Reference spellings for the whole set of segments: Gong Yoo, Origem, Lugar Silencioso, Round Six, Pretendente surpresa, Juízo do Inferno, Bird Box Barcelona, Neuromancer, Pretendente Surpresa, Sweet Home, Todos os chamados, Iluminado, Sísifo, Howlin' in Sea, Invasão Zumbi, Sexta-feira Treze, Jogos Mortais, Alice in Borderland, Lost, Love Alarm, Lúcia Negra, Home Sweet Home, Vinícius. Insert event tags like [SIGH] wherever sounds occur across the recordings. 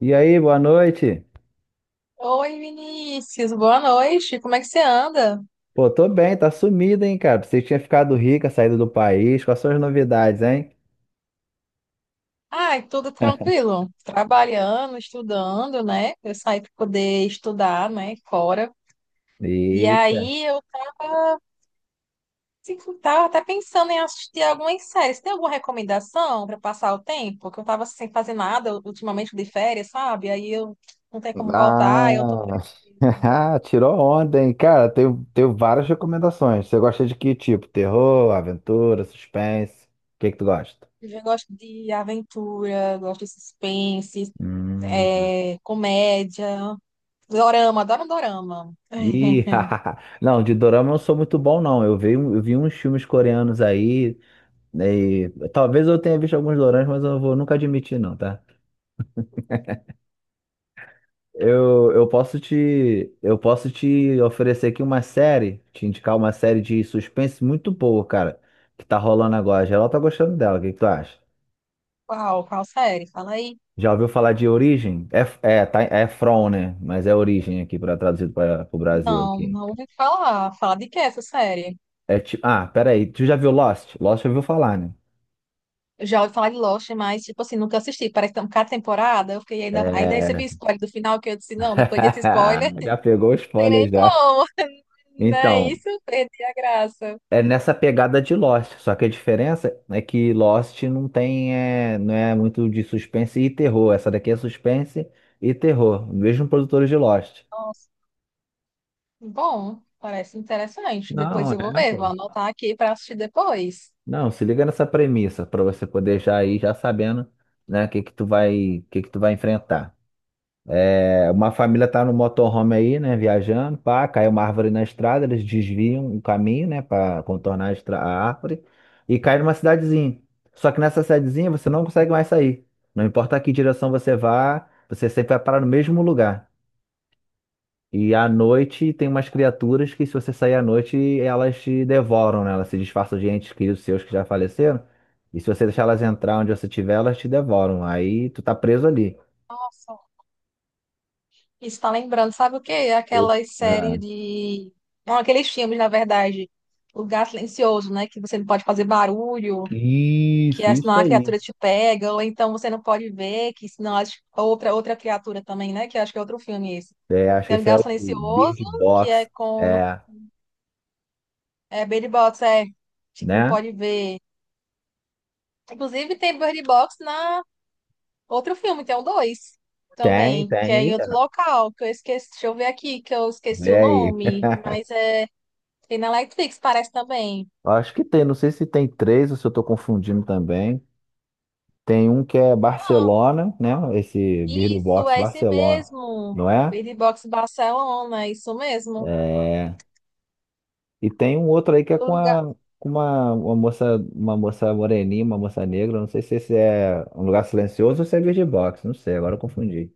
E aí, boa noite. Oi, Vinícius, boa noite. Como é que você anda? Pô, tô bem, tá sumido, hein, cara? Pensei que tinha ficado rica, saído do país. Quais são as novidades, hein? Ai, tudo [LAUGHS] tranquilo. Trabalhando, estudando, né? Eu saí para poder estudar, né, fora. E Eita. aí eu tava, assim, tava até pensando em assistir algumas séries. Tem alguma recomendação para passar o tempo? Que eu tava sem fazer nada ultimamente de férias, sabe? Aí eu não tenho como voltar, eu tô por Ah, aqui. [LAUGHS] tirou onda, hein? Cara, tenho várias recomendações. Você gosta de que tipo? Terror, aventura, suspense? O que que tu gosta? Eu já gosto de aventura, gosto de suspense, Hum. Comédia. Dorama, adoro dorama. Ih, [LAUGHS] [LAUGHS] não, de dorama eu não sou muito bom, não. Eu vi uns filmes coreanos aí. Né, e talvez eu tenha visto alguns doramas, mas eu não vou nunca admitir, não, tá? Eu posso te oferecer aqui uma série, te indicar uma série de suspense muito boa, cara, que tá rolando agora. Geral tá gostando dela, o que que tu acha? Qual? Qual série? Fala aí. Já ouviu falar de Origem? É tá, é From, né? Mas é Origem aqui, para traduzido para o Brasil Não, aqui. não ouvi falar. Fala de que essa série? É tipo, peraí, tu já viu Lost? Lost já ouviu falar, né? Eu já ouvi falar de Lost, mas, tipo assim, nunca assisti. Parece que tem cada temporada. Eu fiquei ainda recebi É... spoiler do final, que eu disse, não, depois desse spoiler, [LAUGHS] Já pegou [LAUGHS] o não tem spoiler nem já. como. [LAUGHS] Não é Então, isso? Perdi a graça. é nessa pegada de Lost, só que a diferença é que Lost não tem, não é muito de suspense e terror. Essa daqui é suspense e terror, mesmo produtores de Lost. Nossa, bom, parece interessante. Depois Não, eu vou é, ver, vou pô. anotar aqui para assistir depois. Não, se liga nessa premissa para você poder já ir já sabendo, né, o que que tu vai, o que que tu vai enfrentar. É, uma família tá no motorhome aí, né, viajando, pá, cai uma árvore na estrada, eles desviam o caminho, né, para contornar a árvore e cai numa cidadezinha. Só que nessa cidadezinha você não consegue mais sair. Não importa que direção você vá, você sempre vai parar no mesmo lugar. E à noite tem umas criaturas que se você sair à noite, elas te devoram, né? Elas se disfarçam de entes queridos seus que já faleceram. E se você deixar elas entrar onde você estiver, elas te devoram. Aí tu tá preso ali. Nossa, isso tá lembrando, sabe o quê? Ô, Aquelas ah, séries de. Não, aqueles filmes, na verdade. O Lugar Silencioso, né? Que você não pode fazer barulho, que isso, senão isso a aí. criatura te pega, ou então você não pode ver, que senão as outra, criatura também, né? Que eu acho que é outro filme esse. É, acho que Tem o esse é Lugar o Silencioso, Bird que é Box. com. É, É Bird Box, é. Tipo, não né? pode ver. Inclusive tem Bird Box na outro filme, tem o dois Tem, também, que é em tem. outro local, que eu esqueci. Deixa eu ver aqui, que eu esqueci Vê o aí. [LAUGHS] nome, mas é. Tem na Netflix, parece também. Acho que tem, não sei se tem três ou se eu estou confundindo também. Tem um que é Não, Barcelona, né? Esse Bird isso, Box é esse Barcelona, mesmo. não é? Bird Box Barcelona, é isso mesmo. É. E tem um outro aí que é O com lugar. a com uma moça, uma moça moreninha, uma moça negra. Não sei se esse é um lugar silencioso ou se é Bird Box, não sei, agora eu confundi.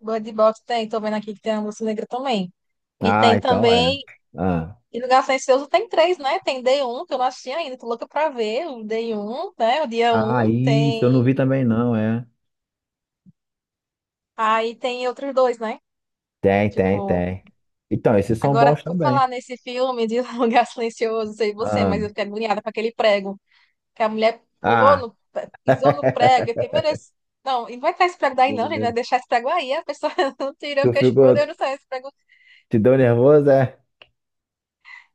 Bird Box tem, tô vendo aqui que tem a Lúcia Negra também. E Ah, tem então é. também. Ah, E Lugar Silencioso tem três, né? Tem D1, que eu não assisti ainda, tô louca pra ver. O D1, né? O dia ah, 1 isso eu não vi tem. também não, é. Aí tem outros dois, né? Tem, tem, Tipo. tem. Então, esses são Agora, bons por também. falar nesse filme de [LAUGHS] Lugar Silencioso, não sei você, Ah, mas eu fiquei agoniada com aquele prego, que a mulher pulou ah. no, pisou no prego. Eu fiquei, meu Deus, não, e não vai tirar esse prego daí não, gente, vai deixar [LAUGHS] esse prego aí, a pessoa [LAUGHS] não tira. Eu Tu fiquei, tipo, meu Deus ficou, do céu, esse prego, te deu nervoso, é?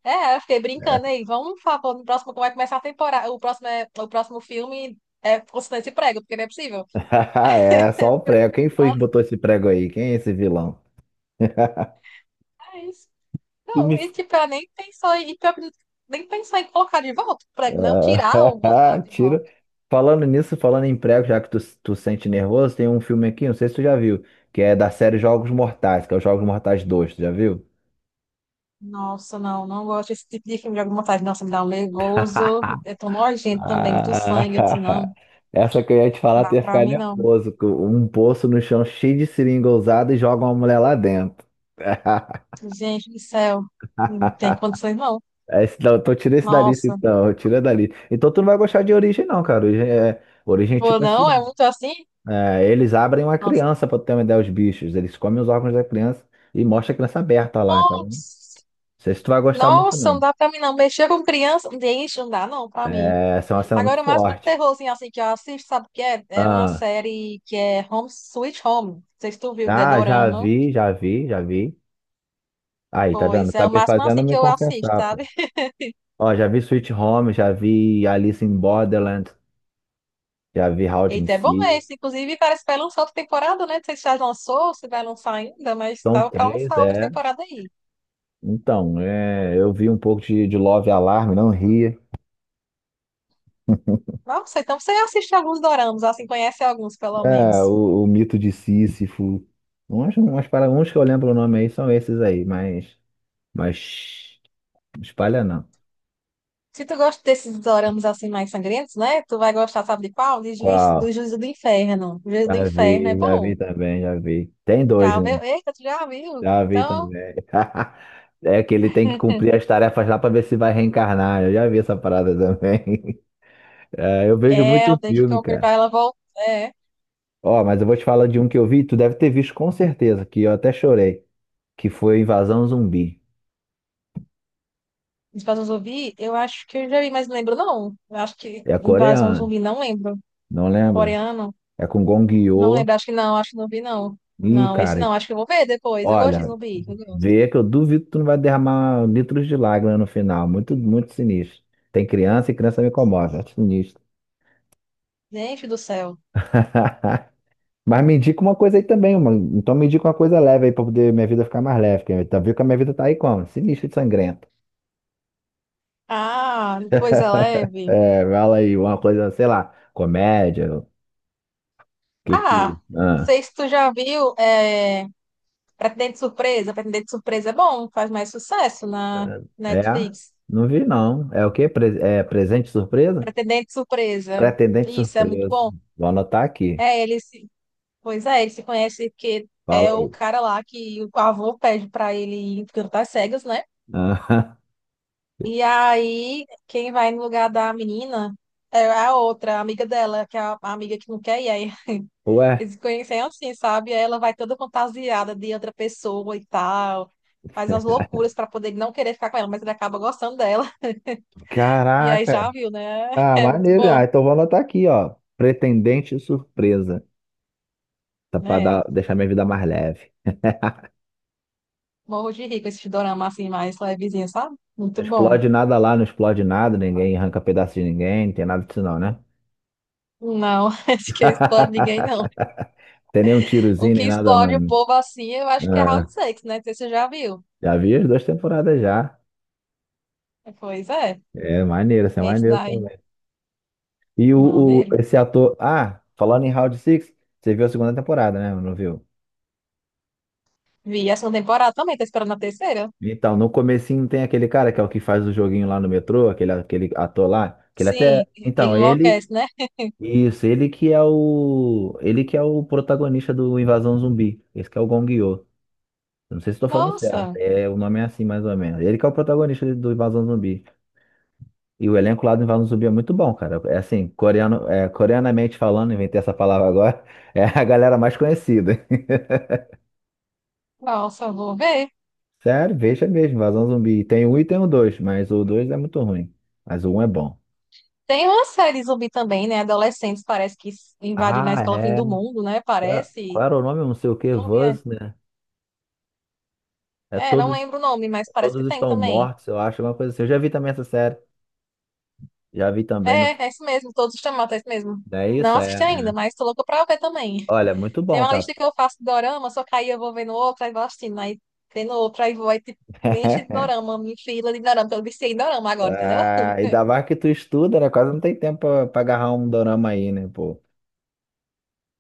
é, eu fiquei brincando aí, vamos falar, pô, no próximo, como vai começar a temporada, o próximo, o próximo filme é constante esse prego, porque não é possível, [LAUGHS] É, só o prego. Quem foi que botou esse prego aí? Quem é esse vilão? [LAUGHS] mas, Tu não, me... e tipo, ela nem pensou, e pior que nem pensar em colocar de volta o prego, não, tirar ou botar Ah, [LAUGHS] de tira. volta. Falando nisso, falando em prego, já que tu sente nervoso, tem um filme aqui, não sei se tu já viu, que é da série Jogos Mortais, que é os Jogos Mortais 2, tu já viu? Nossa, não, não gosto desse tipo de filme de alguma vontade. Nossa, me dá um nervoso. É tão [LAUGHS] nojento também, muito Ah, sangue. Eu disse, não, não [LAUGHS] essa que eu ia te falar, tu dá ia pra ficar mim, não. nervoso, com um poço no chão cheio de seringa ousada e joga uma mulher lá dentro. [LAUGHS] Gente do céu, não tem condições não. Esse, não, então tira esse da lista, Nossa, então. Tira dali. Então tu não vai gostar de Origem, não, cara. Origem é pô, tipo assim. não, é muito assim? Eles abrem uma Nossa, criança pra tu ter uma ideia, os bichos. Eles comem os órgãos da criança e mostra a criança aberta lá, então. Não nossa, sei se tu vai gostar muito, Nossa, não não. dá pra mim não. Mexer com criança, gente, não dá não pra mim. É, essa é uma cena muito Agora, o máximo de forte. terrorzinho assim que eu assisto, sabe o que é? É uma Ah, série que é Home Sweet Home. Não sei se tu viu, The ah, já Dorama. vi, já vi, já vi. Aí, tá vendo? Pois é, Tá o me máximo fazendo assim que me eu assisto, confessar, pô. sabe? Ó, já vi Sweet Home, já vi Alice in Borderland, já vi Howlin' in Eita, é bom Sea. esse. Inclusive, parece que vai lançar outra temporada, né? Não sei se já lançou, se vai lançar ainda, mas São tava pra três, lançar outra é. temporada aí. Então, é, eu vi um pouco de Love Alarm, não ria. Nossa, então você assiste alguns doramas, assim, conhece alguns, pelo É, menos. o mito de Sísifo. Umas para uns que eu lembro o nome aí são esses aí, mas não espalha não. Se tu gosta desses doramas, assim, mais sangrentos, né? Tu vai gostar, sabe de qual? De Juiz, do Qual? Juízo do Inferno. Juízo do Inferno é Já vi bom. também, já vi. Tem dois, Já viu? né? Eita, tu já viu? Já vi Então, também. [LAUGHS] É que ele tem que cumprir as tarefas lá pra ver se vai reencarnar. Eu já vi essa parada também. [LAUGHS] É, eu vejo é, eu muito tenho que filme, comprar pra cara. ela voltar. É. Ó, mas eu vou te falar de um que eu vi, tu deve ter visto com certeza, que eu até chorei, que foi Invasão Zumbi. Invasão Zumbi, eu acho que eu já vi, mas não lembro, não. Eu acho que É Invasão coreano, Zumbi, não lembro. não lembra? Coreano, É com Gong não Yoo. lembro. Acho que não vi, não. Ih, Não, esse cara, não. Acho que eu vou ver depois. Eu gosto de olha, zumbi. Eu gosto. vê que eu duvido que tu não vai derramar litros de lágrimas no final. Muito, muito sinistro. Tem criança e criança me comove. É sinistro. Gente do céu. [LAUGHS] Mas me indica uma coisa aí também, mano. Então me indica uma coisa leve aí pra poder minha vida ficar mais leve. Porque tá viu que a minha vida tá aí como? Sinistro de sangrento. Ah, coisa leve. É, fala aí, uma coisa, sei lá, comédia. O que que tu. Ah, não Ah, sei se tu já viu, é, Pretendente Surpresa. Pretendente Surpresa é bom, faz mais sucesso na é? Netflix. Não vi não. É o quê? É presente surpresa? Pretendente Surpresa. Pretendente Isso, é muito surpresa. bom. Vou anotar aqui. É, ele se... Pois é, ele se conhece porque Fala é o aí. cara lá que o avô pede pra ele ir cantar cegas, né? Ah, E aí, quem vai no lugar da menina é a outra, a amiga dela, que é a amiga que não quer ir. Aí [LAUGHS] ué, eles se conhecem assim, sabe? Aí ela vai toda fantasiada de outra pessoa e tal. Faz umas loucuras pra poder não querer ficar com ela, mas ele acaba gostando dela. [LAUGHS] E aí caraca. já viu, né? [LAUGHS] Ah, É muito maneiro. Ah, bom, então vou anotar aqui, ó. Pretendente surpresa. Tá pra dar, né? deixar minha vida mais leve. Morro de rico esse dorama assim, mais levezinho, sabe? Não Muito bom. explode nada lá, não explode nada, ninguém arranca pedaço de ninguém, não tem nada disso não, né? Não, [LAUGHS] acho que explode ninguém, não. [LAUGHS] Tem nem um O tirozinho, que nem nada explode não, o né? povo assim, eu acho que é É, Round Six, né? Não sei se você já viu. já vi as duas temporadas já. Pois é. É maneiro, isso é Esse maneiro daí, também. E maneiro. esse ator. Ah, falando em Round Six, você viu a segunda temporada, né? Não viu? Vi a segunda temporada também, tá esperando a terceira? Então, no comecinho tem aquele cara que é o que faz o joguinho lá no metrô, aquele ator lá, que ele até. Sim, ele Então, ele. enlouquece, né? Isso, ele que é o. Ele que é o protagonista do Invasão Zumbi. Esse que é o Gong Yo. Eu não sei se estou falando certo. Nossa. É, o nome é assim, mais ou menos. Ele que é o protagonista do Invasão Zumbi. E o elenco lá do Invasão Zumbi é muito bom, cara. É assim, coreano, coreanamente falando, inventei essa palavra agora, [LAUGHS] é a galera mais conhecida. Nossa, vou ver. [LAUGHS] Sério, veja mesmo, Invasão Zumbi. Tem um e tem o dois, mas o dois é muito ruim. Mas o um é bom. Tem uma série zumbi também, né? Adolescentes parece que invade na Ah, escola fim é. do mundo, né? Qual, qual Parece. era o nome? Eu não sei o que. Não vi. É, Buzz, né? É é, não todos, lembro o nome, mas parece que todos tem estão também. mortos, eu acho, alguma coisa assim. Eu já vi também essa série. Já vi também. No... É, é isso mesmo. Todos os chamados, é isso mesmo. Não é isso? Não É. assisti ainda, É. mas tô louca pra ver também. Olha, muito Tem bom, uma tá? lista que eu faço de dorama, só que aí eu vou vendo outra, aí vou assistindo, aí vendo outra, aí vou, aí tipo, me enche de [LAUGHS] dorama, me fila de dorama, porque eu viciei em dorama agora, entendeu? Ah, ainda mais que tu estuda, né? Quase não tem tempo pra agarrar um dorama aí, né, pô?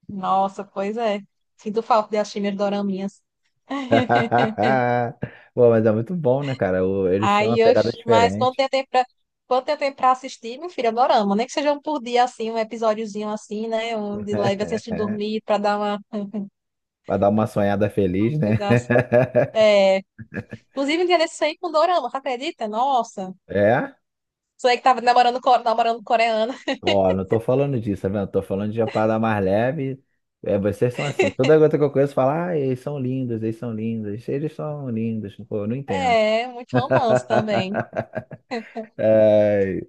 Nossa, pois é. Sinto falta de assistir minhas doraminhas. [LAUGHS] [LAUGHS] Pô, mas é muito bom, né, cara? Eles têm uma Aí, eu, pegada mas quando diferente. tem tempo pra, quando tem tempo pra assistir, meu filho, adoramos. Nem que seja um por dia, assim, um episódiozinho assim, né? Um de leve, assim, antes de [LAUGHS] dormir, pra dar uma Pra dar uma sonhada feliz, né? coisa assim. [LAUGHS] Inclusive, um dia desse aí com dorama, você acredita? Nossa. É? Sou eu que tava namorando, namorando coreana. [LAUGHS] Ó, não tô falando disso, tá vendo? Tô falando de uma parada mais leve. É, vocês são assim. Toda gota que eu conheço fala, ah, eles são lindos, eles são lindos, eles são lindos. Pô, eu não entendo. É, muito romance também. [LAUGHS] Ai.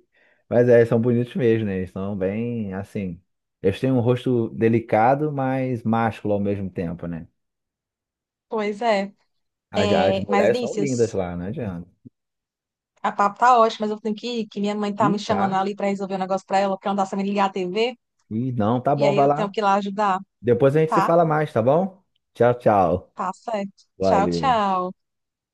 Mas é, eles são bonitos mesmo, né? Eles são bem assim. Eles têm um rosto delicado, mas másculo ao mesmo tempo, né? Pois é. As É, mas, mulheres são lindas Vinícius, lá, não adianta. a papo tá ótima, mas eu tenho que ir, que minha mãe tá me E chamando tá. ali pra resolver um negócio pra ela, porque ela não tá sabendo ligar a TV. E não, tá E bom, aí vai eu tenho lá. que ir lá ajudar, Depois a gente se tá? fala mais, tá bom? Tchau, tchau. Tá certo. Tchau, Valeu. tchau.